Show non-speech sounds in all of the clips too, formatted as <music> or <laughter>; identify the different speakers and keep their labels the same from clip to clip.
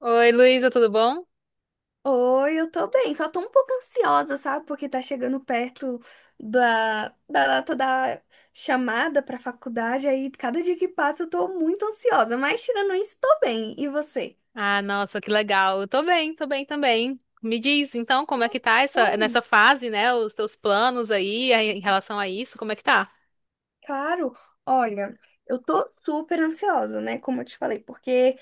Speaker 1: Oi, Luísa, tudo bom?
Speaker 2: Oi, eu tô bem, só tô um pouco ansiosa, sabe? Porque tá chegando perto da data da chamada pra faculdade, aí cada dia que passa eu tô muito ansiosa, mas tirando isso, tô bem. E você?
Speaker 1: Ah, nossa, que legal. Eu tô bem também. Me diz, então, como é que tá
Speaker 2: Bom,
Speaker 1: nessa fase, né? Os teus planos aí em relação a isso, como é que tá?
Speaker 2: claro, olha, eu tô super ansiosa, né? Como eu te falei, porque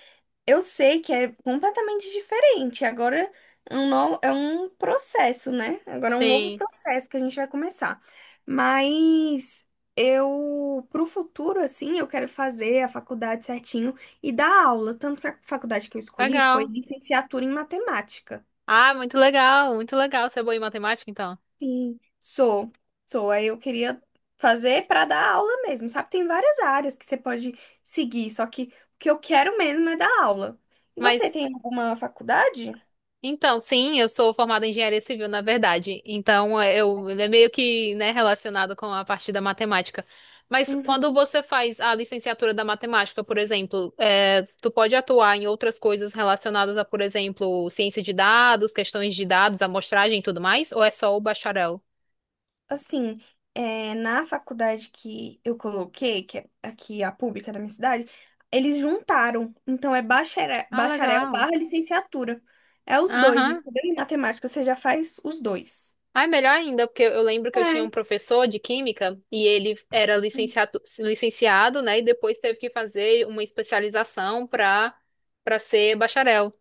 Speaker 2: eu sei que é completamente diferente. Agora é um processo, né? Agora é um novo
Speaker 1: Sim,
Speaker 2: processo que a gente vai começar. Mas eu, pro futuro, assim, eu quero fazer a faculdade certinho e dar aula. Tanto que a faculdade que eu escolhi foi
Speaker 1: legal.
Speaker 2: licenciatura em matemática.
Speaker 1: Ah, muito legal, muito legal. Você é boa em matemática, então?
Speaker 2: Sim, sou. Sou. Aí eu queria fazer para dar aula mesmo, sabe? Tem várias áreas que você pode seguir, só que o que eu quero mesmo é dar aula. E você
Speaker 1: Mas
Speaker 2: tem alguma faculdade?
Speaker 1: Então, sim, eu sou formada em engenharia civil, na verdade. Então, ele é meio que, né, relacionado com a parte da matemática. Mas quando você faz a licenciatura da matemática, por exemplo, tu pode atuar em outras coisas relacionadas a, por exemplo, ciência de dados, questões de dados, amostragem e tudo mais? Ou é só o bacharel?
Speaker 2: Assim, é, na faculdade que eu coloquei, que é aqui a pública da minha cidade, eles juntaram. Então é bacharel,
Speaker 1: Ah,
Speaker 2: bacharel
Speaker 1: legal.
Speaker 2: barra licenciatura. É os dois,
Speaker 1: Aham.
Speaker 2: entendeu? Em matemática você já faz os dois.
Speaker 1: Ah, é melhor ainda, porque eu lembro que eu tinha um
Speaker 2: É.
Speaker 1: professor de química e ele era licenciado, licenciado, né? E depois teve que fazer uma especialização para ser bacharel.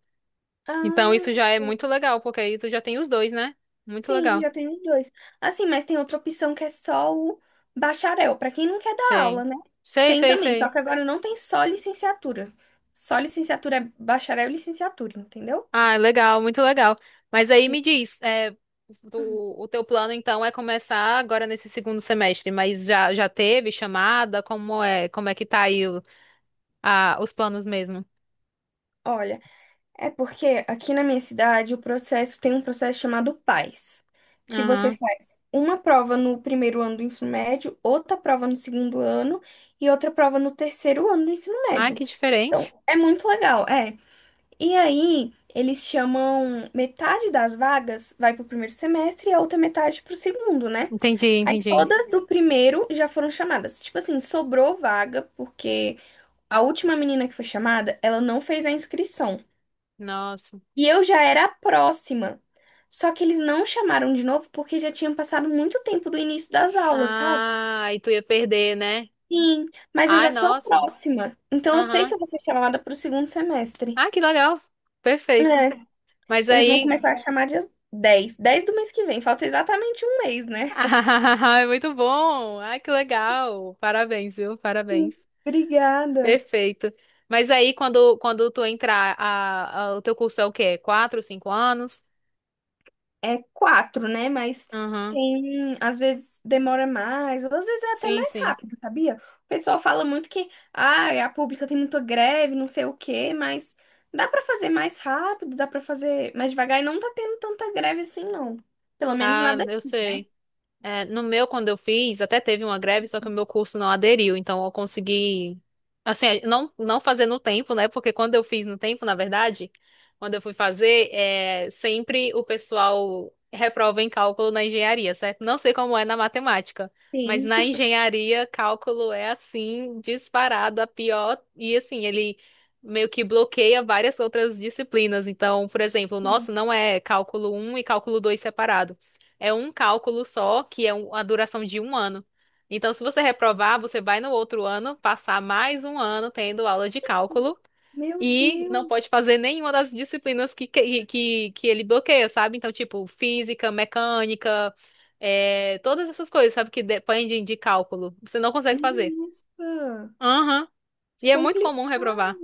Speaker 1: Então
Speaker 2: Ah,
Speaker 1: isso já é muito legal, porque aí tu já tem os dois, né? Muito
Speaker 2: sim,
Speaker 1: legal.
Speaker 2: já tem os dois. Assim, mas tem outra opção que é só o bacharel, para quem não quer dar
Speaker 1: Sei.
Speaker 2: aula, né?
Speaker 1: Sei,
Speaker 2: Tem
Speaker 1: sei,
Speaker 2: também, só
Speaker 1: sei.
Speaker 2: que agora não tem só licenciatura. Só licenciatura é bacharel e licenciatura, entendeu?
Speaker 1: Ah, é legal, muito legal. Mas aí
Speaker 2: Sim.
Speaker 1: me diz,
Speaker 2: Uhum.
Speaker 1: o teu plano então é começar agora nesse segundo semestre, mas já teve chamada? Como é? Como é que tá aí os planos mesmo?
Speaker 2: Olha. É porque aqui na minha cidade o processo tem um processo chamado PAS, que você faz uma prova no primeiro ano do ensino médio, outra prova no segundo ano e outra prova no terceiro ano do ensino
Speaker 1: Ah,
Speaker 2: médio.
Speaker 1: que
Speaker 2: Então,
Speaker 1: diferente.
Speaker 2: é muito legal, é. E aí, eles chamam metade das vagas vai para o primeiro semestre e a outra metade para o segundo, né?
Speaker 1: Entendi,
Speaker 2: Aí
Speaker 1: entendi.
Speaker 2: todas do primeiro já foram chamadas. Tipo assim, sobrou vaga, porque a última menina que foi chamada, ela não fez a inscrição.
Speaker 1: Nossa.
Speaker 2: E eu já era a próxima. Só que eles não chamaram de novo porque já tinham passado muito tempo do início das aulas, sabe?
Speaker 1: Ah, e tu ia perder, né?
Speaker 2: Sim, mas eu
Speaker 1: Ai,
Speaker 2: já sou a
Speaker 1: nossa.
Speaker 2: próxima. Então eu sei que
Speaker 1: Aham.
Speaker 2: eu vou ser chamada para o segundo semestre.
Speaker 1: Ah, que legal. Perfeito.
Speaker 2: É,
Speaker 1: Mas
Speaker 2: eles vão
Speaker 1: aí.
Speaker 2: começar a chamar dia dez do mês que vem. Falta exatamente um mês,
Speaker 1: <laughs>
Speaker 2: né?
Speaker 1: Ah, é muito bom. Ah, que legal. Parabéns, viu?
Speaker 2: Sim,
Speaker 1: Parabéns.
Speaker 2: obrigada.
Speaker 1: Perfeito. Mas aí, quando tu entrar, o teu curso é o quê? 4, 5 anos?
Speaker 2: É quatro, né? Mas
Speaker 1: Aham.
Speaker 2: tem, às vezes demora mais, ou às vezes é até
Speaker 1: Sim,
Speaker 2: mais
Speaker 1: sim.
Speaker 2: rápido, sabia? O pessoal fala muito que, ah, a pública tem muita greve, não sei o quê, mas dá pra fazer mais rápido, dá pra fazer mais devagar e não tá tendo tanta greve assim, não. Pelo menos
Speaker 1: Ah,
Speaker 2: nada
Speaker 1: eu sei. É, no meu, quando eu fiz, até teve uma greve, só que o meu curso não aderiu, então eu consegui, assim, não, não fazer no tempo, né? Porque quando eu fiz no tempo, na verdade, quando eu fui fazer, sempre o pessoal reprova em cálculo na engenharia, certo? Não sei como é na matemática, mas
Speaker 2: tem.
Speaker 1: na engenharia, cálculo é assim, disparado, a pior, e assim, ele meio que bloqueia várias outras disciplinas. Então, por exemplo, o nosso
Speaker 2: <laughs>
Speaker 1: não é cálculo 1 e cálculo 2 separado. É um cálculo só, que é a duração de um ano. Então, se você reprovar, você vai no outro ano passar mais um ano tendo aula de cálculo
Speaker 2: Meu
Speaker 1: e não
Speaker 2: Deus,
Speaker 1: pode fazer nenhuma das disciplinas que ele bloqueia, sabe? Então, tipo, física, mecânica, todas essas coisas, sabe, que dependem de cálculo. Você não consegue fazer.
Speaker 2: nossa,
Speaker 1: Aham. E é muito comum
Speaker 2: complicado.
Speaker 1: reprovar.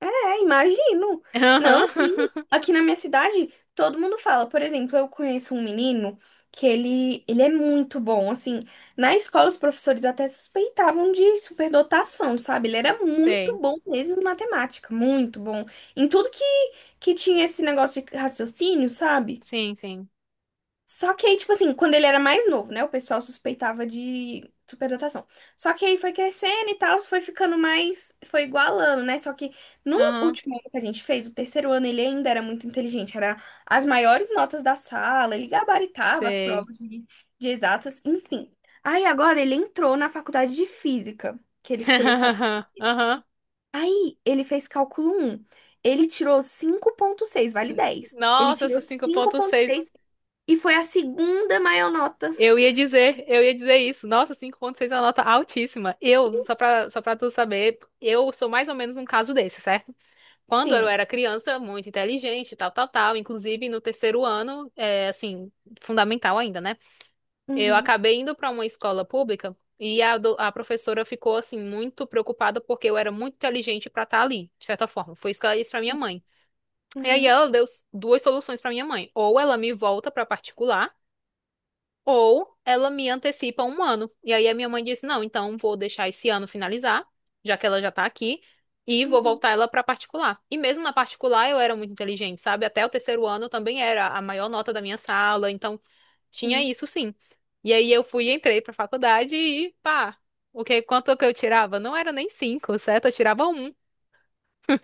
Speaker 2: É, imagino. Não,
Speaker 1: Aham.
Speaker 2: sim.
Speaker 1: <laughs>
Speaker 2: Aqui na minha cidade, todo mundo fala. Por exemplo, eu conheço um menino que ele é muito bom. Assim, na escola, os professores até suspeitavam de superdotação, sabe? Ele era muito
Speaker 1: Sei.
Speaker 2: bom mesmo em matemática, muito bom. Em tudo que tinha esse negócio de raciocínio, sabe?
Speaker 1: Sim, sim.
Speaker 2: Só que aí, tipo assim, quando ele era mais novo, né? O pessoal suspeitava de superdotação. Só que aí foi crescendo e tal, foi ficando mais. Foi igualando, né? Só que no
Speaker 1: Aham.
Speaker 2: último ano que a gente fez, o terceiro ano, ele ainda era muito inteligente. Era as maiores notas da sala, ele gabaritava as
Speaker 1: Sei.
Speaker 2: provas de exatas, enfim. Aí agora ele entrou na faculdade de física, que ele escolheu fazer.
Speaker 1: <laughs> Aham.
Speaker 2: Aí ele fez cálculo um. Ele tirou 5,6, vale 10. Ele
Speaker 1: Nossa, essa
Speaker 2: tirou cinco
Speaker 1: cinco ponto
Speaker 2: vírgula
Speaker 1: seis.
Speaker 2: seis e foi a segunda maior nota.
Speaker 1: Eu ia dizer isso. Nossa, 5,6 é uma nota altíssima. Só pra tu saber, eu sou mais ou menos um caso desse, certo? Quando eu
Speaker 2: Sim.
Speaker 1: era criança, muito inteligente, tal, tal, tal. Inclusive, no terceiro ano, assim, fundamental ainda, né? Eu
Speaker 2: Uhum,
Speaker 1: acabei indo pra uma escola pública e a professora ficou, assim, muito preocupada porque eu era muito inteligente pra estar ali, de certa forma. Foi isso que ela disse pra minha mãe. E aí
Speaker 2: uhum,
Speaker 1: ela deu duas soluções pra minha mãe. Ou ela me volta pra particular ou ela me antecipa um ano. E aí a minha mãe disse: não, então vou deixar esse ano finalizar, já que ela já tá aqui, e vou
Speaker 2: uhum,
Speaker 1: voltar ela pra particular. E mesmo na particular eu era muito inteligente, sabe? Até o terceiro ano eu também era a maior nota da minha sala, então tinha
Speaker 2: sim.
Speaker 1: isso sim. E aí eu fui, entrei pra faculdade e pá, quanto que eu tirava? Não era nem 5, certo? Eu tirava 1.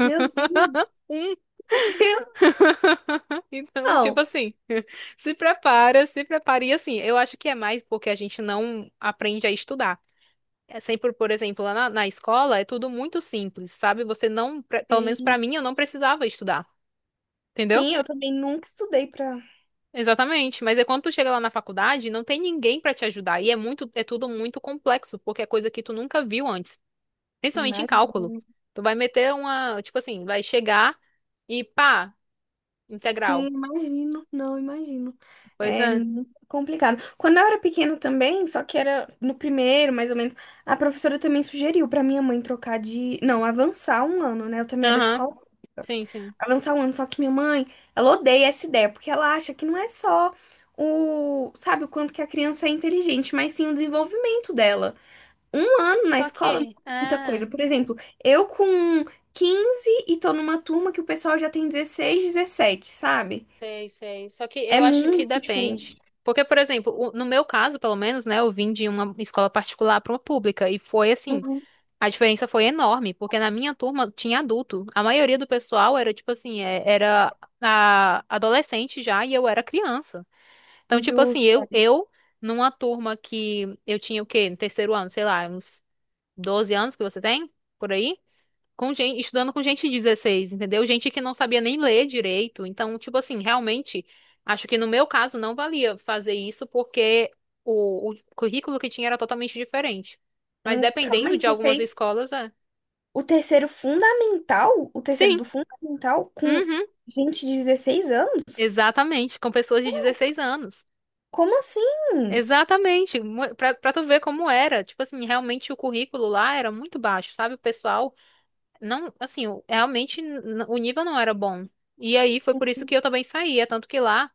Speaker 2: Meu Deus,
Speaker 1: 1.
Speaker 2: meu Deus,
Speaker 1: <laughs> Então,
Speaker 2: não.
Speaker 1: tipo assim. <laughs> Se prepara, se prepara. E assim, eu acho que é mais porque a gente não aprende a estudar. É sempre, por exemplo, lá na escola é tudo muito simples, sabe? Você não, pelo menos
Speaker 2: Sim,
Speaker 1: pra mim, eu não precisava estudar, entendeu?
Speaker 2: sim, eu também nunca estudei pra.
Speaker 1: Exatamente. Mas é quando tu chega lá na faculdade, não tem ninguém pra te ajudar e é tudo muito complexo, porque é coisa que tu nunca viu antes, principalmente em cálculo.
Speaker 2: Imagino.
Speaker 1: Tu vai meter uma, tipo assim, vai chegar e pá,
Speaker 2: Sim,
Speaker 1: integral.
Speaker 2: imagino. Não, imagino.
Speaker 1: Pois
Speaker 2: É
Speaker 1: é.
Speaker 2: muito complicado. Quando eu era pequena também, só que era no primeiro, mais ou menos, a professora também sugeriu pra minha mãe trocar de. Não, avançar um ano, né? Eu também era de
Speaker 1: Aham.
Speaker 2: escola
Speaker 1: Sim, sim.
Speaker 2: avançar um ano. Só que minha mãe, ela odeia essa ideia, porque ela acha que não é só o, sabe, o quanto que a criança é inteligente, mas sim o desenvolvimento dela. Um ano na
Speaker 1: Só
Speaker 2: escola muda
Speaker 1: que,
Speaker 2: muita coisa.
Speaker 1: é.
Speaker 2: Por exemplo, eu com 15 e tô numa turma que o pessoal já tem 16, 17, sabe?
Speaker 1: Sei, sei. Só que
Speaker 2: É
Speaker 1: eu acho que
Speaker 2: muito
Speaker 1: depende.
Speaker 2: diferente.
Speaker 1: Porque, por exemplo, no meu caso, pelo menos, né, eu vim de uma escola particular para uma pública e foi assim,
Speaker 2: Uhum.
Speaker 1: a diferença foi enorme, porque na minha turma tinha adulto. A maioria do pessoal era tipo assim, era adolescente já e eu era criança. Então, tipo
Speaker 2: Do...
Speaker 1: assim, eu numa turma que eu tinha o quê? No terceiro ano, sei lá, uns 12 anos que você tem por aí? Com gente, estudando com gente de 16, entendeu? Gente que não sabia nem ler direito. Então, tipo assim, realmente, acho que no meu caso não valia fazer isso porque o currículo que tinha era totalmente diferente. Mas
Speaker 2: Calma
Speaker 1: dependendo
Speaker 2: aí,
Speaker 1: de
Speaker 2: você
Speaker 1: algumas
Speaker 2: fez
Speaker 1: escolas, é.
Speaker 2: o terceiro fundamental, o terceiro
Speaker 1: Sim,
Speaker 2: do fundamental com
Speaker 1: uhum,
Speaker 2: gente de 16 anos?
Speaker 1: exatamente, com pessoas de 16 anos.
Speaker 2: Como assim?
Speaker 1: Exatamente, pra tu ver como era. Tipo assim, realmente o currículo lá era muito baixo, sabe? O pessoal não, assim, realmente o nível não era bom. E aí foi por isso que eu também saía, tanto que lá.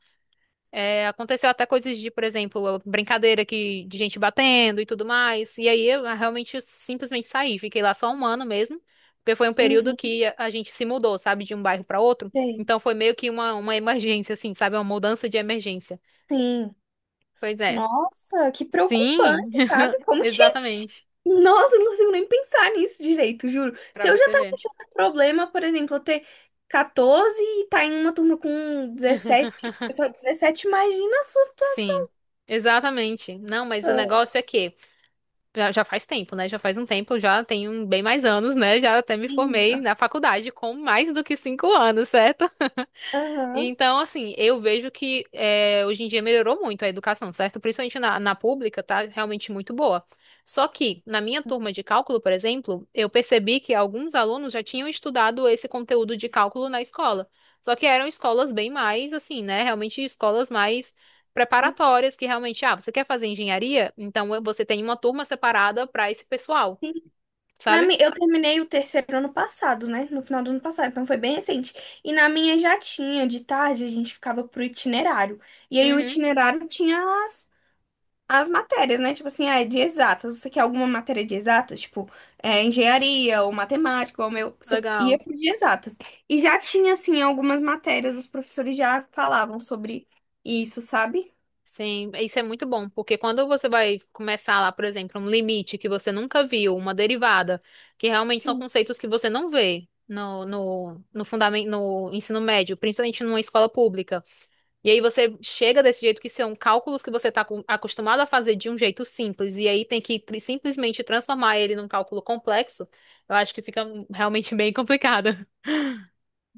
Speaker 1: É, aconteceu até coisas de, por exemplo, brincadeira que, de gente batendo e tudo mais. E aí eu realmente simplesmente saí, fiquei lá só um ano mesmo, porque foi um período
Speaker 2: Uhum,
Speaker 1: que a gente se mudou, sabe, de um bairro para outro.
Speaker 2: sei.
Speaker 1: Então foi meio que uma emergência, assim, sabe, uma mudança de emergência.
Speaker 2: Sim.
Speaker 1: Pois é.
Speaker 2: Nossa, que
Speaker 1: Sim.
Speaker 2: preocupante, sabe?
Speaker 1: <laughs>
Speaker 2: Como que. <laughs>
Speaker 1: Exatamente.
Speaker 2: Nossa, eu não consigo nem pensar nisso direito, juro.
Speaker 1: Pra
Speaker 2: Se eu já
Speaker 1: você
Speaker 2: tava
Speaker 1: ver.
Speaker 2: achando um problema, por exemplo, eu ter 14 e tá em uma turma com 17, só 17, imagina a sua
Speaker 1: Sim,
Speaker 2: situação.
Speaker 1: exatamente. Não, mas o
Speaker 2: <laughs>
Speaker 1: negócio é que já faz tempo, né? Já faz um tempo, já tenho bem mais anos, né? Já até me
Speaker 2: Sim.
Speaker 1: formei na faculdade com mais do que 5 anos, certo?
Speaker 2: Aham.
Speaker 1: Então, assim, eu vejo que hoje em dia melhorou muito a educação, certo? Principalmente na pública, tá realmente muito boa. Só que, na minha turma de cálculo, por exemplo, eu percebi que alguns alunos já tinham estudado esse conteúdo de cálculo na escola. Só que eram escolas bem mais, assim, né? Realmente escolas mais preparatórias, que realmente, ah, você quer fazer engenharia? Então você tem uma turma separada para esse pessoal,
Speaker 2: Sim.
Speaker 1: sabe?
Speaker 2: Eu terminei o terceiro ano passado, né? No final do ano passado, então foi bem recente. E na minha já tinha, de tarde a gente ficava pro itinerário. E aí o
Speaker 1: Uhum,
Speaker 2: itinerário tinha as matérias, né? Tipo assim, ah, é de exatas. Você quer alguma matéria de exatas? Tipo, é, engenharia ou matemática, ou meu. Você ia
Speaker 1: legal.
Speaker 2: pro de exatas. E já tinha, assim, algumas matérias, os professores já falavam sobre isso, sabe?
Speaker 1: Sim, isso é muito bom, porque quando você vai começar lá, por exemplo, um limite que você nunca viu, uma derivada, que realmente são
Speaker 2: Sim.
Speaker 1: conceitos que você não vê no fundamento, no ensino médio, principalmente numa escola pública. E aí você chega desse jeito que são cálculos que você está acostumado a fazer de um jeito simples, e aí tem que simplesmente transformar ele num cálculo complexo, eu acho que fica realmente <laughs> bem complicado.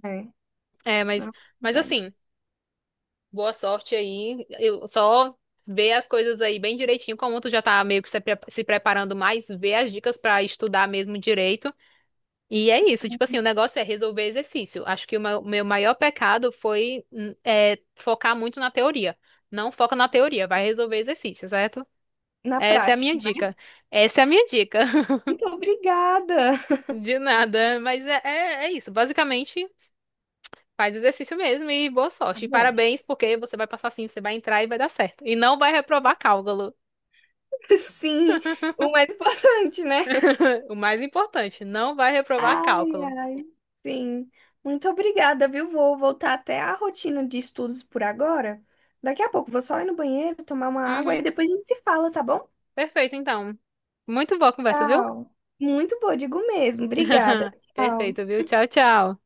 Speaker 2: É,
Speaker 1: É, mas,
Speaker 2: na
Speaker 1: mas
Speaker 2: verdade.
Speaker 1: assim. Boa sorte aí. Eu só vê as coisas aí bem direitinho, como tu já tá meio que se preparando mais, vê as dicas pra estudar mesmo direito. E é isso, tipo assim,
Speaker 2: Sim,
Speaker 1: o negócio é resolver exercício. Acho que o meu maior pecado foi focar muito na teoria. Não foca na teoria, vai resolver exercício, certo?
Speaker 2: na
Speaker 1: Essa é a minha
Speaker 2: prática, né?
Speaker 1: dica. Essa é a minha dica. <laughs>
Speaker 2: Muito obrigada.
Speaker 1: De nada, mas é isso. Basicamente, faz exercício mesmo e boa
Speaker 2: Tá
Speaker 1: sorte. E
Speaker 2: bom.
Speaker 1: parabéns, porque você vai passar sim, você vai entrar e vai dar certo. E não vai reprovar cálculo.
Speaker 2: <laughs> Sim, o mais importante, né?
Speaker 1: <laughs> O mais importante, não vai reprovar
Speaker 2: Ai,
Speaker 1: cálculo.
Speaker 2: ai, sim. Muito obrigada, viu? Vou voltar até a rotina de estudos por agora. Daqui a pouco vou só ir no banheiro, tomar uma água e
Speaker 1: Uhum.
Speaker 2: depois a gente se fala, tá bom?
Speaker 1: Perfeito, então. Muito boa a conversa, viu?
Speaker 2: Tchau. Muito boa, digo mesmo. Obrigada.
Speaker 1: <laughs>
Speaker 2: Tchau.
Speaker 1: Perfeito, viu? Tchau, tchau.